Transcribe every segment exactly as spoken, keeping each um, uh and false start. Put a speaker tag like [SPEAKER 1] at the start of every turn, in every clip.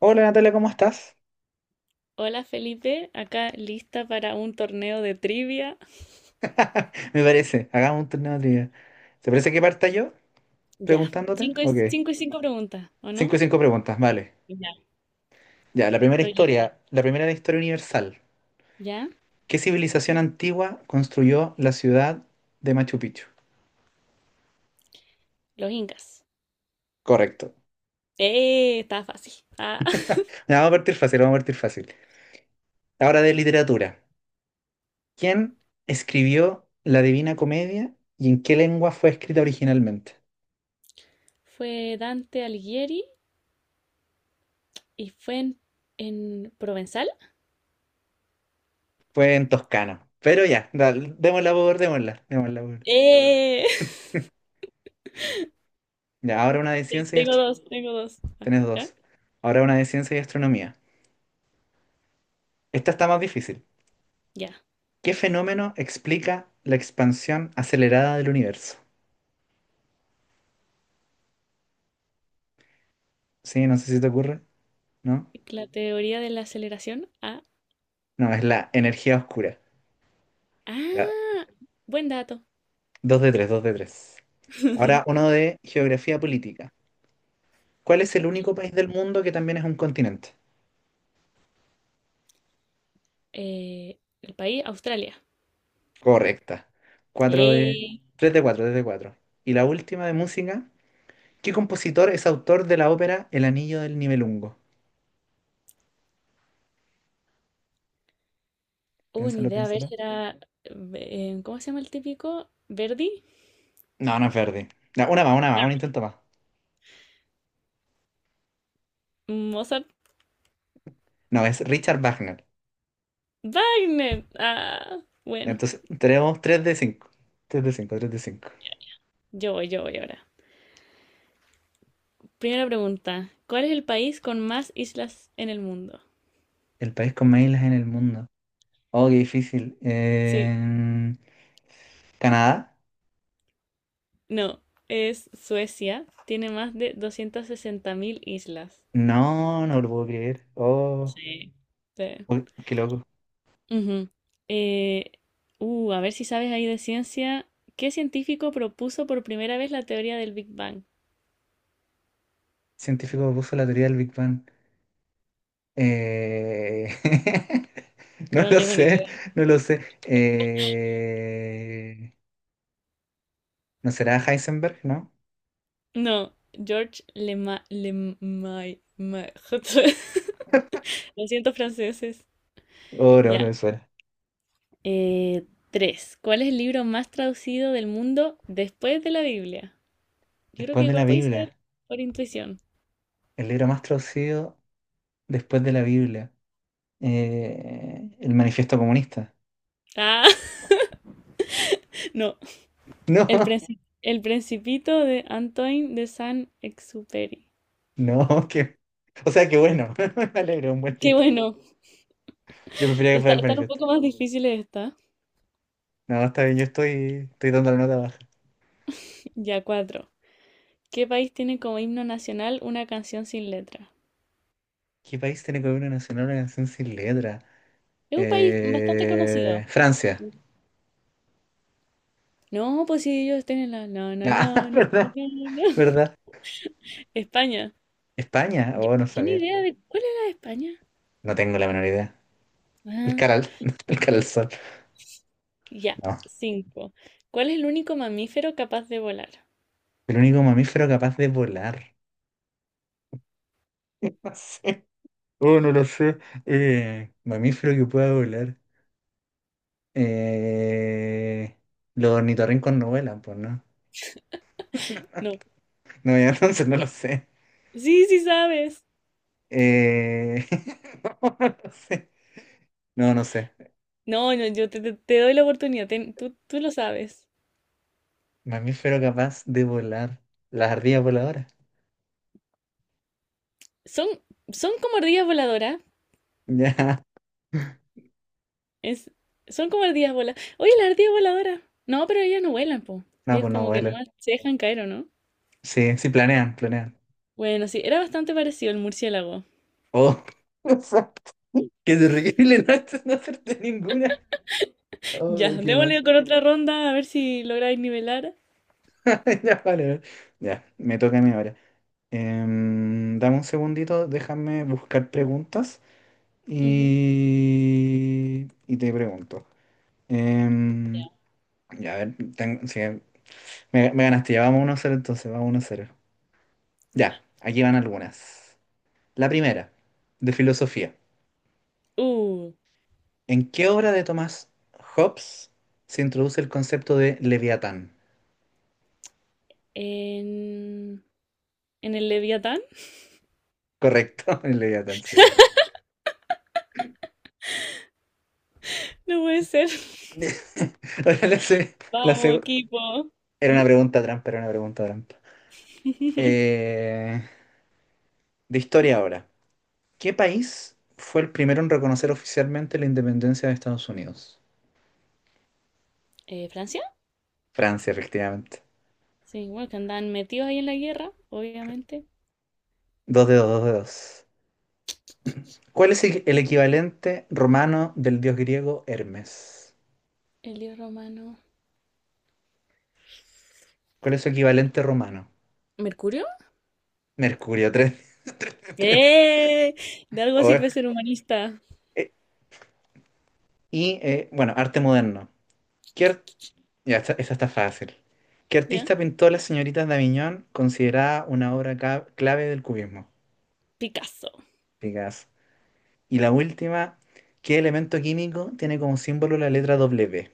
[SPEAKER 1] Hola Natalia, ¿cómo estás?
[SPEAKER 2] Hola Felipe, acá lista para un torneo de trivia.
[SPEAKER 1] Me parece, hagamos un torneo de trivia. ¿Te parece que parta yo
[SPEAKER 2] Ya,
[SPEAKER 1] preguntándote?
[SPEAKER 2] cinco y
[SPEAKER 1] Ok.
[SPEAKER 2] cinco, y cinco preguntas, ¿o no?
[SPEAKER 1] Cinco y cinco preguntas, vale.
[SPEAKER 2] Ya,
[SPEAKER 1] Ya, la primera
[SPEAKER 2] estoy lista.
[SPEAKER 1] historia, la primera de historia universal.
[SPEAKER 2] Ya,
[SPEAKER 1] ¿Qué civilización antigua construyó la ciudad de Machu Picchu?
[SPEAKER 2] los incas.
[SPEAKER 1] Correcto.
[SPEAKER 2] ¡Eh! Estaba fácil. Ah.
[SPEAKER 1] Ya, vamos a partir fácil, vamos a partir fácil. Ahora de literatura. ¿Quién escribió la Divina Comedia y en qué lengua fue escrita originalmente?
[SPEAKER 2] Fue Dante Alighieri y fue en, en Provenzal.
[SPEAKER 1] Fue en toscano. Pero ya, dale, démosla por, démosla, démosla por.
[SPEAKER 2] ¡Eh!
[SPEAKER 1] Ya, ahora una de
[SPEAKER 2] Te-
[SPEAKER 1] ciencia y
[SPEAKER 2] Tengo
[SPEAKER 1] astronomía.
[SPEAKER 2] dos, tengo dos. Ah,
[SPEAKER 1] Tenés
[SPEAKER 2] ¿ya?
[SPEAKER 1] dos. Ahora una de ciencia y astronomía. Esta está más difícil.
[SPEAKER 2] Ya.
[SPEAKER 1] ¿Qué fenómeno explica la expansión acelerada del universo? Sí, no sé si te ocurre, ¿no?
[SPEAKER 2] La teoría de la aceleración. Ah,
[SPEAKER 1] No, es la energía oscura. Ya,
[SPEAKER 2] ah, buen dato.
[SPEAKER 1] dos de tres, dos de tres. Ahora uno de geografía política. ¿Cuál es el
[SPEAKER 2] Ya.
[SPEAKER 1] único país del mundo que también es un continente?
[SPEAKER 2] Eh, el país, Australia.
[SPEAKER 1] Correcta. Cuatro de...
[SPEAKER 2] ¡Eh!
[SPEAKER 1] Tres de cuatro, tres de cuatro. Y la última de música. ¿Qué compositor es autor de la ópera El Anillo del Nibelungo?
[SPEAKER 2] Uh, ni
[SPEAKER 1] Piénsalo,
[SPEAKER 2] idea, a ver,
[SPEAKER 1] piénsalo.
[SPEAKER 2] será. eh, eh, ¿Cómo se llama el típico? ¿Verdi?
[SPEAKER 1] No, no es Verdi. No, una más, una
[SPEAKER 2] Ya.
[SPEAKER 1] más, un intento más.
[SPEAKER 2] Mozart.
[SPEAKER 1] No, es Richard Wagner.
[SPEAKER 2] Wagner. Ah, bueno,
[SPEAKER 1] Entonces, tenemos tres de cinco, tres de cinco, tres de cinco.
[SPEAKER 2] yo voy, yo voy ahora. Primera pregunta. ¿Cuál es el país con más islas en el mundo?
[SPEAKER 1] El país con más islas en el mundo. Oh, qué difícil.
[SPEAKER 2] Sí,
[SPEAKER 1] Eh, ¿Canadá?
[SPEAKER 2] no, es Suecia. Tiene más de doscientas sesenta mil islas.
[SPEAKER 1] No, no lo puedo creer. Oh,
[SPEAKER 2] Sí. Sí.
[SPEAKER 1] uy, qué loco.
[SPEAKER 2] Ujú. Eh, uh, a ver si sabes ahí de ciencia. ¿Qué científico propuso por primera vez la teoría del Big Bang?
[SPEAKER 1] Científico propuso la teoría del Big Bang. Eh, No
[SPEAKER 2] Yo no
[SPEAKER 1] lo
[SPEAKER 2] tengo ni
[SPEAKER 1] sé,
[SPEAKER 2] idea.
[SPEAKER 1] no lo sé. Eh, ¿No será Heisenberg, no?
[SPEAKER 2] No, George Lema, Lemay, Ma- Lo siento, franceses.
[SPEAKER 1] Oh, no, no
[SPEAKER 2] Ya.
[SPEAKER 1] me suena.
[SPEAKER 2] Eh, tres. ¿Cuál es el libro más traducido del mundo después de la Biblia? Yo creo que
[SPEAKER 1] Después de
[SPEAKER 2] igual
[SPEAKER 1] la
[SPEAKER 2] podéis saber
[SPEAKER 1] Biblia.
[SPEAKER 2] por intuición.
[SPEAKER 1] El libro más traducido después de la Biblia. Eh, el Manifiesto Comunista.
[SPEAKER 2] Ah, no. El
[SPEAKER 1] No,
[SPEAKER 2] princi- el Principito de Antoine de Saint-Exupéry.
[SPEAKER 1] no, que. O sea, qué bueno. Me alegro, un buen
[SPEAKER 2] Qué
[SPEAKER 1] libro.
[SPEAKER 2] bueno.
[SPEAKER 1] Yo prefería que
[SPEAKER 2] Está,
[SPEAKER 1] fuera el
[SPEAKER 2] están un
[SPEAKER 1] Manifiesto.
[SPEAKER 2] poco más difíciles estas.
[SPEAKER 1] No, está bien, yo estoy, estoy dando la nota baja.
[SPEAKER 2] Ya, cuatro. ¿Qué país tiene como himno nacional una canción sin letra?
[SPEAKER 1] ¿Qué país tiene como himno nacional una canción sin letra?
[SPEAKER 2] Es un país bastante
[SPEAKER 1] Eh,
[SPEAKER 2] conocido.
[SPEAKER 1] Francia.
[SPEAKER 2] No, pues sí, ellos tienen la... No, no, no,
[SPEAKER 1] Ah,
[SPEAKER 2] no, no,
[SPEAKER 1] ¿verdad?
[SPEAKER 2] no, no.
[SPEAKER 1] ¿Verdad?
[SPEAKER 2] España.
[SPEAKER 1] España.
[SPEAKER 2] Yo,
[SPEAKER 1] Oh, no
[SPEAKER 2] yo ni
[SPEAKER 1] sabía.
[SPEAKER 2] idea de... ¿Cuál es la de España?
[SPEAKER 1] No tengo la menor idea. El
[SPEAKER 2] Ah,
[SPEAKER 1] caral. El caralzón.
[SPEAKER 2] ya,
[SPEAKER 1] No.
[SPEAKER 2] cinco. ¿Cuál es el único mamífero capaz de volar?
[SPEAKER 1] El único mamífero capaz de volar. No sé. Oh, no lo sé. Eh, mamífero que pueda volar. Eh, los ornitorrincos no vuelan, pues no.
[SPEAKER 2] No.
[SPEAKER 1] No, ya entonces no lo sé.
[SPEAKER 2] Sí, sí sabes.
[SPEAKER 1] Eh, no, no lo sé. No, no sé.
[SPEAKER 2] No, no, yo te, te- te doy la oportunidad. ten- tú, tú lo sabes.
[SPEAKER 1] Mamífero capaz de volar. Las ardillas voladoras.
[SPEAKER 2] Son, son como ardillas voladoras.
[SPEAKER 1] Ya.
[SPEAKER 2] Es, son como ardillas voladoras. Oye, la ardilla voladora. No, pero ellas no vuelan, po.
[SPEAKER 1] No,
[SPEAKER 2] Ellos
[SPEAKER 1] pues no
[SPEAKER 2] como que
[SPEAKER 1] vuelan.
[SPEAKER 2] nomás se dejan caer, ¿o no?
[SPEAKER 1] Sí, sí, planean, planean.
[SPEAKER 2] Bueno, sí, era bastante parecido el murciélago.
[SPEAKER 1] Oh, exacto. Qué terrible no, no hacerte ninguna.
[SPEAKER 2] Ya,
[SPEAKER 1] Oh, qué
[SPEAKER 2] démosle
[SPEAKER 1] mal.
[SPEAKER 2] con otra ronda a ver si lográis nivelar.
[SPEAKER 1] Ya, vale. Vale. Ya, me toca a mí ahora. Em, dame un segundito, déjame buscar preguntas
[SPEAKER 2] Ujú,
[SPEAKER 1] y, y te pregunto. Em, ya, a ver, tengo, sí, me, me ganaste, ya vamos uno cero, entonces, vamos uno cero. Ya,
[SPEAKER 2] ya.
[SPEAKER 1] aquí van algunas. La primera, de filosofía.
[SPEAKER 2] Uh,
[SPEAKER 1] ¿En qué obra de Thomas Hobbes se introduce el concepto de Leviatán?
[SPEAKER 2] en... ¿En el Leviatán?
[SPEAKER 1] Correcto, el Leviatán, sí.
[SPEAKER 2] No puede ser.
[SPEAKER 1] Ahora la se- la
[SPEAKER 2] Vamos,
[SPEAKER 1] seg-
[SPEAKER 2] equipo.
[SPEAKER 1] Era
[SPEAKER 2] ¿Mm?
[SPEAKER 1] una pregunta trampa, era una pregunta trampa. Eh, de historia ahora. ¿Qué país fue el primero en reconocer oficialmente la independencia de Estados Unidos?
[SPEAKER 2] Eh, ¿Francia?
[SPEAKER 1] Francia, efectivamente.
[SPEAKER 2] Sí, bueno, que andan metidos ahí en la guerra, obviamente.
[SPEAKER 1] Dos dedos, dos dedos. ¿Cuál es el el equivalente romano del dios griego Hermes?
[SPEAKER 2] El dios romano.
[SPEAKER 1] ¿Cuál es su equivalente romano?
[SPEAKER 2] ¿Mercurio?
[SPEAKER 1] Mercurio, tres, tres.
[SPEAKER 2] ¡Eh! De algo
[SPEAKER 1] Oh,
[SPEAKER 2] sirve ser humanista.
[SPEAKER 1] eh, y, eh, bueno, arte moderno. ¿Qué ar- ya, esta, esta está fácil. ¿Qué
[SPEAKER 2] ¿Ya?
[SPEAKER 1] artista pintó Las señoritas de Aviñón, considerada una obra ca- clave del cubismo?
[SPEAKER 2] Picasso.
[SPEAKER 1] Picasso. Y la última, ¿qué elemento químico tiene como símbolo la letra W?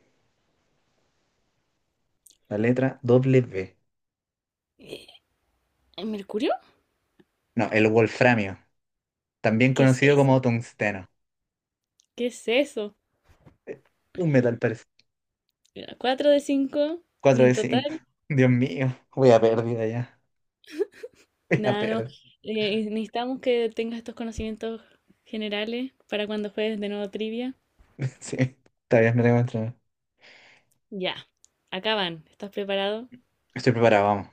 [SPEAKER 1] La letra W.
[SPEAKER 2] Eh, ¿Mercurio?
[SPEAKER 1] No, el wolframio, también
[SPEAKER 2] ¿Qué es
[SPEAKER 1] conocido
[SPEAKER 2] eso?
[SPEAKER 1] como tungsteno.
[SPEAKER 2] ¿Qué es eso?
[SPEAKER 1] Eh, Un metal parecido.
[SPEAKER 2] Cuatro de cinco. Y
[SPEAKER 1] Cuatro
[SPEAKER 2] en
[SPEAKER 1] de cinco
[SPEAKER 2] total.
[SPEAKER 1] Dios mío, voy a pérdida ya. Voy a
[SPEAKER 2] Nada, no.
[SPEAKER 1] pérdida.
[SPEAKER 2] Eh, necesitamos que tengas estos conocimientos generales para cuando juegues de nuevo trivia.
[SPEAKER 1] Sí, está bien, me tengo que entrenar.
[SPEAKER 2] Ya, acaban. ¿Estás preparado?
[SPEAKER 1] Estoy preparado, vamos.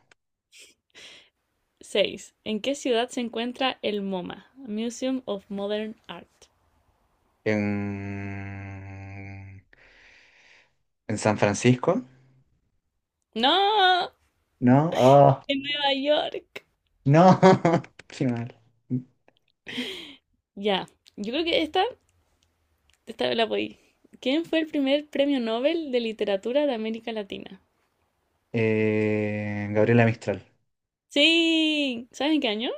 [SPEAKER 2] Seis. ¿En qué ciudad se encuentra el MoMA? Museum of Modern Art.
[SPEAKER 1] En, en San Francisco.
[SPEAKER 2] ¡No!
[SPEAKER 1] No, oh,
[SPEAKER 2] En Nueva York.
[SPEAKER 1] no. Qué mal.
[SPEAKER 2] Ya, yo creo que esta, esta la voy. ¿Quién fue el primer premio Nobel de Literatura de América Latina?
[SPEAKER 1] Eh, Gabriela Mistral.
[SPEAKER 2] Sí, ¿saben qué año?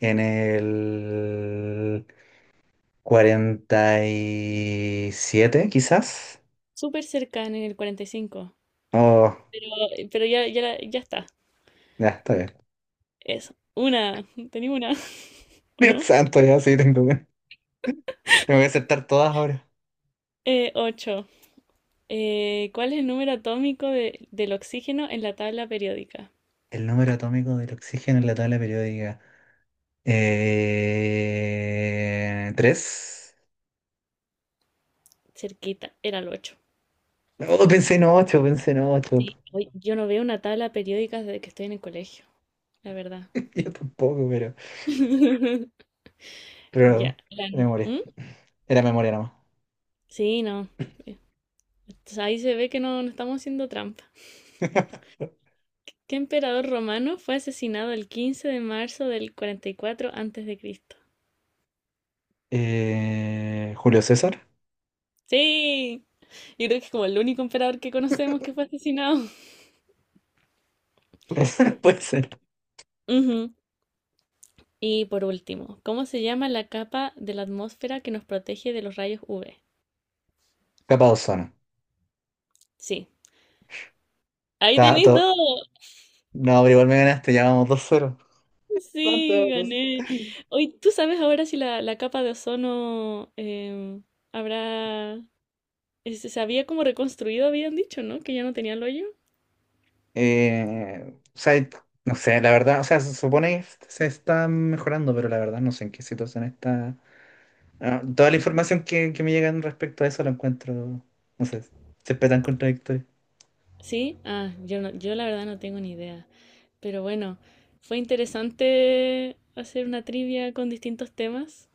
[SPEAKER 1] ¿En el cuarenta y siete quizás?
[SPEAKER 2] Súper cerca, en el cuarenta y cinco.
[SPEAKER 1] Oh,
[SPEAKER 2] Pero, eh, pero ya, ya, la- ya está.
[SPEAKER 1] ya, está bien.
[SPEAKER 2] Es una. Tenía una, ¿o
[SPEAKER 1] Dios
[SPEAKER 2] no?
[SPEAKER 1] santo, ya sí tengo que... Tengo que aceptar todas ahora.
[SPEAKER 2] Eh, ocho. ¿Cuál es el número atómico de- del oxígeno en la tabla periódica?
[SPEAKER 1] El número atómico del oxígeno en la tabla periódica. Eh, ¿Tres?
[SPEAKER 2] Cerquita, era el ocho.
[SPEAKER 1] No, pensé en ocho, pensé en ocho.
[SPEAKER 2] Sí. Oye, yo no veo una tabla periódica desde que estoy en el colegio, la verdad.
[SPEAKER 1] Yo tampoco, pero...
[SPEAKER 2] Ya.
[SPEAKER 1] Pero...
[SPEAKER 2] La nu-
[SPEAKER 1] Memoria.
[SPEAKER 2] ¿Mm?
[SPEAKER 1] Era memoria nomás.
[SPEAKER 2] Sí, no. Eh, ahí se ve que no, no estamos haciendo trampa. ¿Qué emperador romano fue asesinado el quince de marzo del cuarenta y cuatro antes de Cristo?
[SPEAKER 1] Eh, ¿Julio César?
[SPEAKER 2] Sí, yo creo que es como el único emperador que conocemos que fue asesinado.
[SPEAKER 1] Puede ser.
[SPEAKER 2] Ujú. Y por último, ¿cómo se llama la capa de la atmósfera que nos protege de los rayos U V?
[SPEAKER 1] Capa de ozono.
[SPEAKER 2] Sí. Ahí
[SPEAKER 1] Ta-
[SPEAKER 2] tenéis
[SPEAKER 1] to-
[SPEAKER 2] dos.
[SPEAKER 1] No, pero igual me ganaste, ya vamos dos cero. Son
[SPEAKER 2] Sí,
[SPEAKER 1] todos.
[SPEAKER 2] gané. Hoy, ¿tú sabes ahora si la, la capa de ozono em, habrá... Se se había como reconstruido, habían dicho, ¿no? Que ya no tenía el hoyo.
[SPEAKER 1] Eh, o sea, no sé, la verdad, o sea, se supone que se está mejorando, pero la verdad no sé en qué situación está. Ah, toda la información que, que me llegan respecto a eso la encuentro, no sé, siempre tan contradictoria.
[SPEAKER 2] Sí, ah, yo no, yo la verdad no tengo ni idea. Pero bueno, fue interesante hacer una trivia con distintos temas.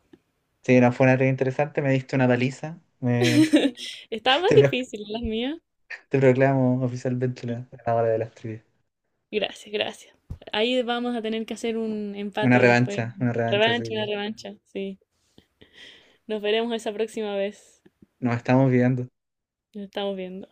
[SPEAKER 1] Sí, no, fue una red interesante, me diste una paliza, me-
[SPEAKER 2] Estaba más
[SPEAKER 1] te, pro-
[SPEAKER 2] difícil las mías.
[SPEAKER 1] te proclamo oficialmente la ganadora de las trivias.
[SPEAKER 2] Gracias, gracias. Ahí vamos a tener que hacer un
[SPEAKER 1] Una
[SPEAKER 2] empate después.
[SPEAKER 1] revancha, una revancha, sí.
[SPEAKER 2] Revancha, una
[SPEAKER 1] Sí.
[SPEAKER 2] revancha, sí. Nos veremos esa próxima vez.
[SPEAKER 1] Nos estamos viendo.
[SPEAKER 2] Nos estamos viendo.